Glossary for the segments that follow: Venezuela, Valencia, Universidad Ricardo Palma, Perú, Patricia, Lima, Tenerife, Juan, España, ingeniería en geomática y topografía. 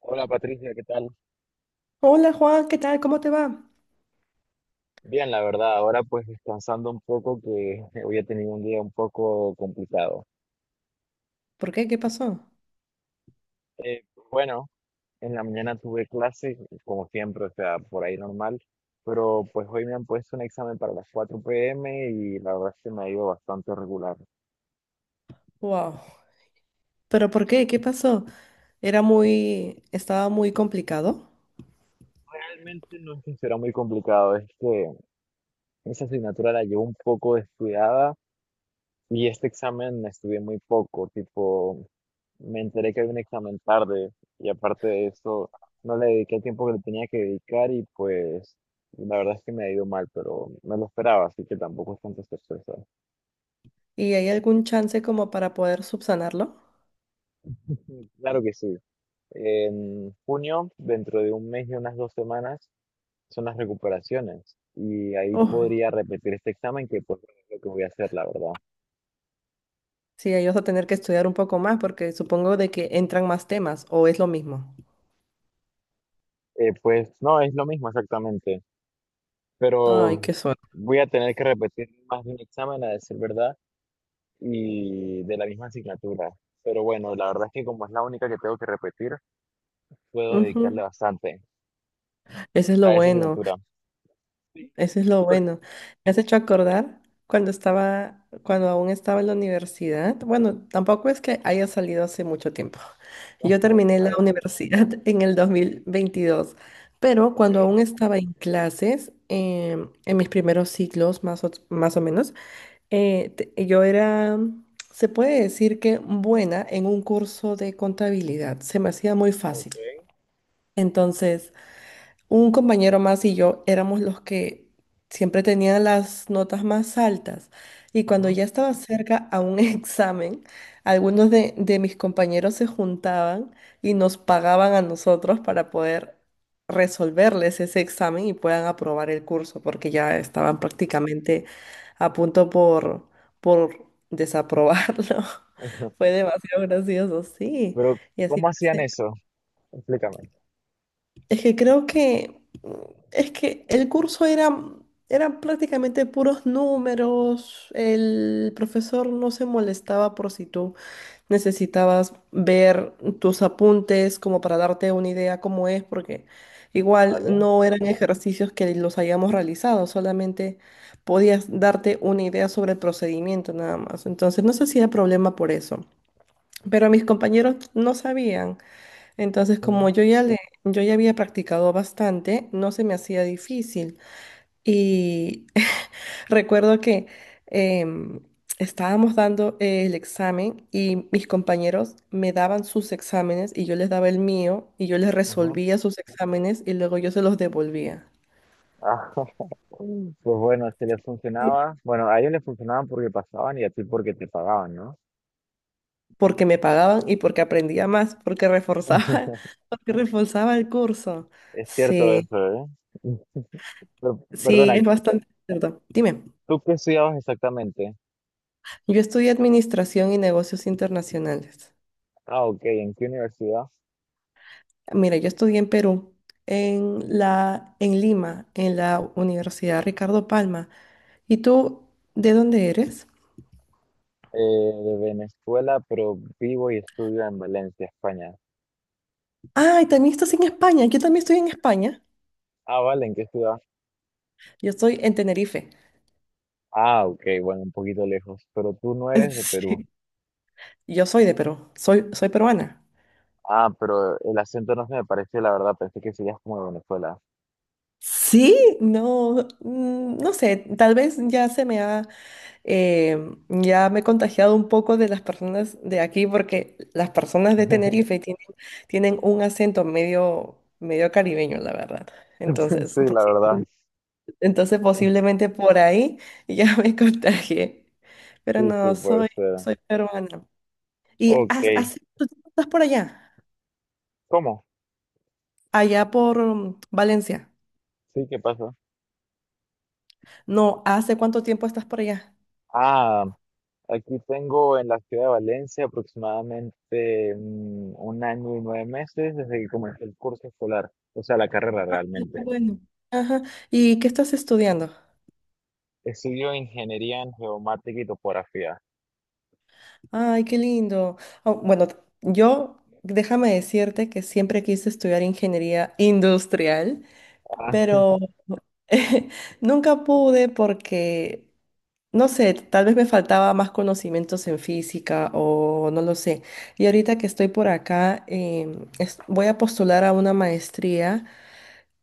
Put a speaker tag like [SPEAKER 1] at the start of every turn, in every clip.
[SPEAKER 1] Hola Patricia, ¿qué tal?
[SPEAKER 2] Hola Juan, ¿qué tal? ¿Cómo te va?
[SPEAKER 1] Bien, la verdad, ahora pues descansando un poco que hoy he tenido un día un poco complicado.
[SPEAKER 2] ¿Por qué? ¿Qué pasó?
[SPEAKER 1] Eh, bueno, en la mañana tuve clase, como siempre, o sea, por ahí normal, pero pues hoy me han puesto un examen para las 4 p.m. y la verdad se me ha ido bastante regular.
[SPEAKER 2] Wow. ¿Pero por qué? ¿Qué pasó? Estaba muy complicado.
[SPEAKER 1] Realmente no es que será muy complicado, es que esa asignatura la llevo un poco descuidada. Y este examen estudié muy poco, tipo, me enteré que había un examen tarde y aparte de eso, no le dediqué el tiempo que le tenía que dedicar y pues la verdad es que me ha ido mal, pero me lo esperaba, así que tampoco es tanta sorpresa.
[SPEAKER 2] ¿Y hay algún chance como para poder subsanarlo?
[SPEAKER 1] Claro que sí. En junio, dentro de un mes y unas dos semanas, son las recuperaciones y ahí
[SPEAKER 2] Oh,
[SPEAKER 1] podría repetir este examen que pues es lo que voy a hacer, la verdad.
[SPEAKER 2] sí, ahí vas a tener que estudiar un poco más porque supongo de que entran más temas o es lo mismo.
[SPEAKER 1] Pues no, es lo mismo exactamente.
[SPEAKER 2] Ay,
[SPEAKER 1] Pero
[SPEAKER 2] qué suerte.
[SPEAKER 1] voy a tener que repetir más de un examen, a decir verdad, y de la misma asignatura. Pero bueno, la verdad es que como es la única que tengo que repetir, puedo
[SPEAKER 2] Ujú.
[SPEAKER 1] dedicarle bastante
[SPEAKER 2] Eso es lo
[SPEAKER 1] a esa
[SPEAKER 2] bueno.
[SPEAKER 1] asignatura. Sí.
[SPEAKER 2] Eso es lo
[SPEAKER 1] Pero-
[SPEAKER 2] bueno. Me has hecho acordar cuando aún estaba en la universidad. Bueno, tampoco es que haya salido hace mucho tiempo. Yo terminé la
[SPEAKER 1] Claro,
[SPEAKER 2] universidad en el 2022, pero
[SPEAKER 1] ok,
[SPEAKER 2] cuando aún estaba en clases, en mis primeros ciclos, más o menos, eh, te- yo era, se puede decir que buena en un curso de contabilidad. Se me hacía muy fácil.
[SPEAKER 1] ok.
[SPEAKER 2] Entonces, un compañero más y yo éramos los que siempre tenían las notas más altas. Y cuando
[SPEAKER 1] Ujú,
[SPEAKER 2] ya estaba cerca a un examen, algunos de mis compañeros se juntaban y nos pagaban a nosotros para poder resolverles ese examen y puedan aprobar el curso, porque ya estaban prácticamente a punto por desaprobarlo. Fue demasiado gracioso, sí.
[SPEAKER 1] pero,
[SPEAKER 2] Y así
[SPEAKER 1] ¿cómo hacían
[SPEAKER 2] fue.
[SPEAKER 1] eso? Explícame.
[SPEAKER 2] Es que creo que el curso era eran prácticamente puros números. El profesor no se molestaba por si tú necesitabas ver tus apuntes como para darte una idea cómo es, porque igual
[SPEAKER 1] ¿Vale?
[SPEAKER 2] no eran ejercicios que los hayamos realizado, solamente podías darte una idea sobre el procedimiento nada más. Entonces no se hacía problema por eso. Pero mis compañeros no sabían. Entonces,
[SPEAKER 1] Ujú,
[SPEAKER 2] como yo ya había practicado bastante, no se me hacía difícil. Y recuerdo que em, estábamos dando el examen y mis compañeros me daban sus exámenes y yo les daba el mío y yo les
[SPEAKER 1] ujú.
[SPEAKER 2] resolvía sus exámenes y luego yo se los devolvía.
[SPEAKER 1] Ah, pues bueno, se les
[SPEAKER 2] Sí,
[SPEAKER 1] funcionaba. Bueno, a ellos les funcionaban porque pasaban y a ti porque te pagaban, ¿no?
[SPEAKER 2] porque me pagaban y porque aprendía más, porque reforzaba, porque reforzaba el curso.
[SPEAKER 1] Es cierto
[SPEAKER 2] Sí,
[SPEAKER 1] eso, ¿eh? Pero,
[SPEAKER 2] sí,
[SPEAKER 1] perdona,
[SPEAKER 2] es bastante cierto. Dime.
[SPEAKER 1] ¿tú qué estudiabas exactamente?
[SPEAKER 2] Yo estudié Administración y Negocios Internacionales.
[SPEAKER 1] Ah, ok, ¿en qué universidad?
[SPEAKER 2] Mira, yo estudié en Perú, en Lima, en la Universidad Ricardo Palma. ¿Y tú de dónde eres?
[SPEAKER 1] De Venezuela, pero vivo y estudio en Valencia, España.
[SPEAKER 2] Ah, y también estás en España. Yo también estoy en España.
[SPEAKER 1] Ah, vale, ¿en qué ciudad?
[SPEAKER 2] Yo estoy en Tenerife.
[SPEAKER 1] Ah, ok, bueno, un poquito lejos, pero tú no eres de Perú.
[SPEAKER 2] Sí. Yo soy de Perú. Soy peruana.
[SPEAKER 1] Ah, pero el acento no se me pareció, la verdad, pensé que serías como de Venezuela.
[SPEAKER 2] Sí, no, no sé. Tal vez ya se me ha Eh, ya me he contagiado un poco de las personas de aquí porque las personas de Tenerife tienen un acento medio, medio caribeño, la verdad. Entonces,
[SPEAKER 1] Sí, la verdad.
[SPEAKER 2] posiblemente por ahí ya me contagié. Pero
[SPEAKER 1] Sí, sí,
[SPEAKER 2] no,
[SPEAKER 1] puede
[SPEAKER 2] soy,
[SPEAKER 1] ser.
[SPEAKER 2] soy peruana. ¿Y
[SPEAKER 1] Ok,
[SPEAKER 2] hace cuánto tiempo estás por allá?
[SPEAKER 1] ¿cómo?
[SPEAKER 2] Allá por Valencia.
[SPEAKER 1] Sí, ¿qué pasa?
[SPEAKER 2] No, ¿hace cuánto tiempo estás por allá?
[SPEAKER 1] Ah, aquí tengo en la ciudad de Valencia aproximadamente 1 año y 9 meses desde que comencé el curso escolar, o sea, la carrera
[SPEAKER 2] Qué
[SPEAKER 1] realmente.
[SPEAKER 2] bueno. Ajá. ¿Y qué estás estudiando?
[SPEAKER 1] Estudio ingeniería en geomática y topografía.
[SPEAKER 2] Ay, qué lindo. Ah, bueno, yo déjame decirte que siempre quise estudiar ingeniería industrial,
[SPEAKER 1] Ah,
[SPEAKER 2] pero nunca pude porque, no sé, tal vez me faltaba más conocimientos en física o no lo sé. Y ahorita que estoy por acá, voy a postular a una maestría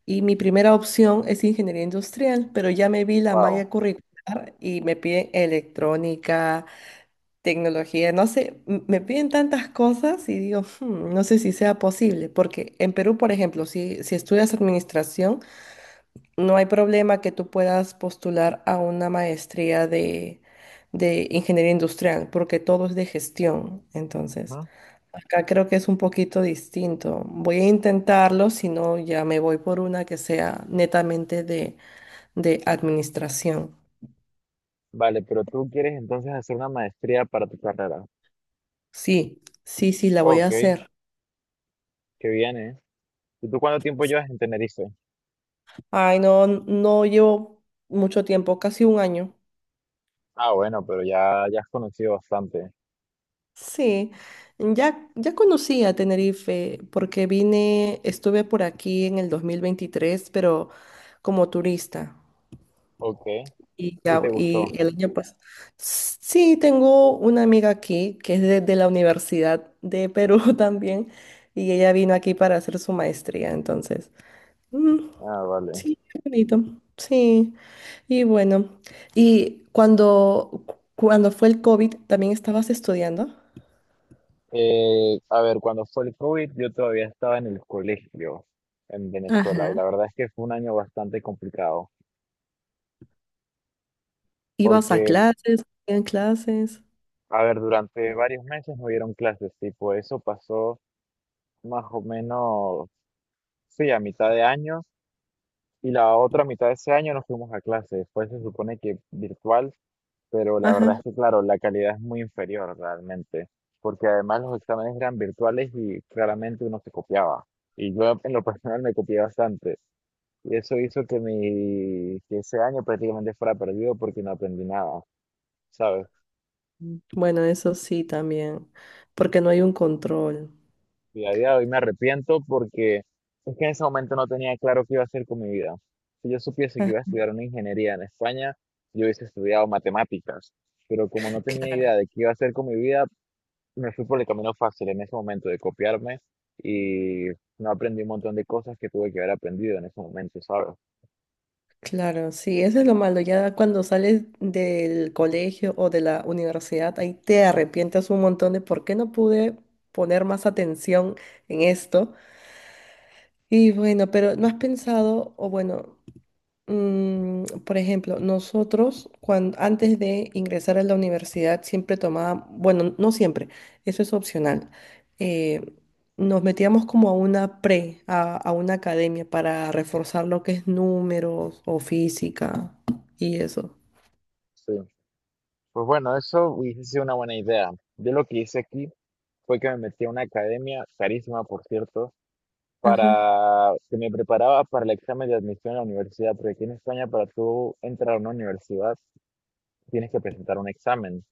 [SPEAKER 2] y mi primera opción es ingeniería industrial, pero ya me vi la
[SPEAKER 1] wow.
[SPEAKER 2] malla curricular y me piden electrónica, tecnología, no sé, me piden tantas cosas y digo, no sé si sea posible, porque en Perú, por ejemplo, si estudias administración, no hay problema que tú puedas postular a una maestría de ingeniería industrial, porque todo es de gestión. Entonces,
[SPEAKER 1] Ajá.
[SPEAKER 2] acá creo que es un poquito distinto. Voy a intentarlo, si no, ya me voy por una que sea netamente de administración.
[SPEAKER 1] Vale, pero tú quieres entonces hacer una maestría para tu carrera.
[SPEAKER 2] Sí, sí, sí, la voy a
[SPEAKER 1] Ok,
[SPEAKER 2] hacer.
[SPEAKER 1] qué bien, ¿eh? ¿Y tú cuánto tiempo llevas en Tenerife?
[SPEAKER 2] Ay, no, no llevo mucho tiempo, casi un año.
[SPEAKER 1] Ah, bueno, pero ya, ya has conocido bastante.
[SPEAKER 2] Sí, ya conocí a Tenerife porque vine, estuve por aquí en el 2023 pero como turista.
[SPEAKER 1] Ok,
[SPEAKER 2] Y,
[SPEAKER 1] ¿y
[SPEAKER 2] ya,
[SPEAKER 1] te
[SPEAKER 2] y
[SPEAKER 1] gustó?
[SPEAKER 2] el año pasado. Sí, tengo una amiga aquí que es de la Universidad de Perú también, y ella vino aquí para hacer su maestría, entonces. Mm,
[SPEAKER 1] Ah, vale.
[SPEAKER 2] sí, qué bonito. Sí. Y bueno, y cuando fue el COVID, ¿también estabas estudiando?
[SPEAKER 1] A ver, cuando fue el COVID, yo todavía estaba en el colegio en Venezuela y
[SPEAKER 2] Ajá.
[SPEAKER 1] la verdad es que fue un año bastante complicado
[SPEAKER 2] ¿Ibas a
[SPEAKER 1] porque,
[SPEAKER 2] clases? ¿En clases?
[SPEAKER 1] a ver, durante varios meses no hubieron clases, tipo, eso pasó más o menos, sí, a mitad de año y la otra mitad de ese año nos fuimos a clase. Después se supone que virtual, pero la verdad
[SPEAKER 2] Ajá.
[SPEAKER 1] es que, claro, la calidad es muy inferior realmente porque además los exámenes eran virtuales y claramente uno se copiaba. Y yo en lo personal me copié bastante. Y eso hizo que, mi, que ese año prácticamente fuera perdido porque no aprendí nada, ¿sabes?
[SPEAKER 2] Bueno, eso sí también, porque no hay un control.
[SPEAKER 1] Y a día de hoy me arrepiento porque es que en ese momento no tenía claro qué iba a hacer con mi vida. Si yo supiese que
[SPEAKER 2] Ah,
[SPEAKER 1] iba a estudiar una ingeniería en España, yo hubiese estudiado matemáticas. Pero como no tenía
[SPEAKER 2] claro,
[SPEAKER 1] idea de qué iba a hacer con mi vida, me fui por el camino fácil en ese momento de copiarme y no aprendí un montón de cosas que tuve que haber aprendido en ese momento, ¿sabes?
[SPEAKER 2] claro, sí, eso es lo malo. Ya cuando sales del colegio o de la universidad, ahí te arrepientes un montón de por qué no pude poner más atención en esto. Y bueno, pero ¿no has pensado, o bueno, por ejemplo, nosotros antes de ingresar a la universidad siempre tomábamos, bueno, no siempre, eso es opcional. eh, nos metíamos como a una academia para reforzar lo que es números o física y eso.
[SPEAKER 1] Sí. Pues bueno, eso hubiese sido una buena idea. Yo lo que hice aquí fue que me metí a una academia, carísima por cierto,
[SPEAKER 2] Ajá,
[SPEAKER 1] para que me preparaba para el examen de admisión a la universidad, porque aquí en España para tú entrar a una universidad tienes que presentar un examen.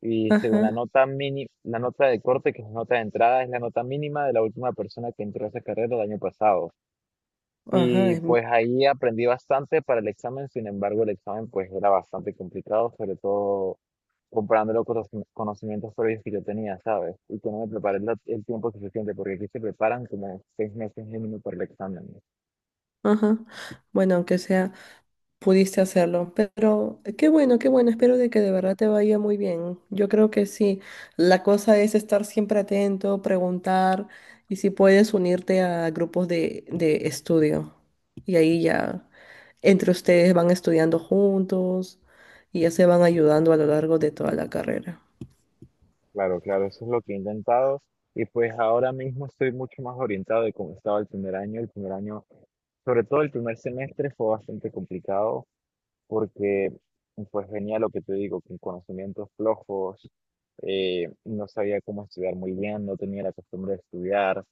[SPEAKER 1] Y según la
[SPEAKER 2] ajá,
[SPEAKER 1] nota mini, la nota de corte, que es la nota de entrada, es la nota mínima de la última persona que entró a esa carrera el año pasado.
[SPEAKER 2] ajá,
[SPEAKER 1] Y pues ahí aprendí bastante para el examen, sin embargo el examen pues era bastante complicado, sobre todo comparándolo con los conocimientos previos que yo tenía, ¿sabes? Y que no me preparé el tiempo suficiente, porque aquí se preparan como 6 meses mínimo para el examen.
[SPEAKER 2] ajá. Bueno, aunque sea, pudiste hacerlo. Pero qué bueno, qué bueno. Espero de que de verdad te vaya muy bien. Yo creo que sí. La cosa es estar siempre atento, preguntar y si puedes unirte a grupos de estudio. Y ahí ya entre ustedes van estudiando juntos y ya se van ayudando a lo largo de toda la carrera.
[SPEAKER 1] Claro, claro, eso es lo que he intentado. Y pues ahora mismo estoy mucho más orientado de cómo estaba el primer año. El primer año, sobre todo el primer semestre, fue bastante complicado porque pues venía lo que te digo, con conocimientos flojos, no sabía cómo estudiar muy bien, no tenía la costumbre de estudiar,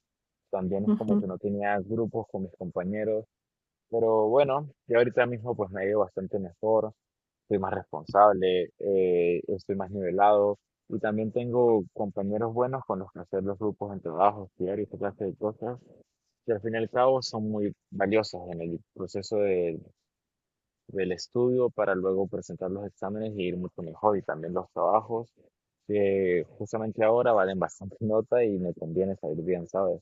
[SPEAKER 1] también es como
[SPEAKER 2] Ujú.
[SPEAKER 1] que no tenía grupos con mis compañeros. Pero bueno, yo ahorita mismo pues me he ido bastante mejor, soy más responsable, estoy más nivelado y también tengo compañeros buenos con los que hacer los grupos en trabajos, estudiar y esta clase de cosas que al fin y al cabo son muy valiosas en el proceso de- del estudio para luego presentar los exámenes y ir mucho mejor y también los trabajos que justamente ahora valen bastante nota y me conviene salir bien, ¿sabes?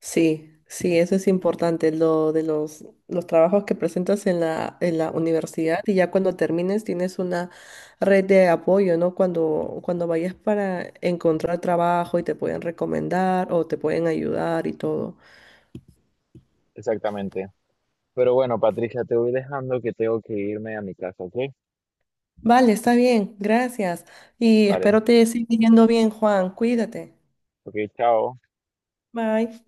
[SPEAKER 2] Sí, sí, eso es importante, lo de los trabajos que presentas en la universidad y ya cuando termines tienes una red de apoyo, ¿no? Cuando vayas para encontrar trabajo y te pueden recomendar o te pueden ayudar y todo.
[SPEAKER 1] Exactamente. Pero bueno, Patricia, te voy dejando que tengo que irme a mi casa, ¿ok?
[SPEAKER 2] Vale, está bien, gracias. Y
[SPEAKER 1] Vale,
[SPEAKER 2] espero te siga yendo bien, Juan. Cuídate.
[SPEAKER 1] ok, chao.
[SPEAKER 2] Bye.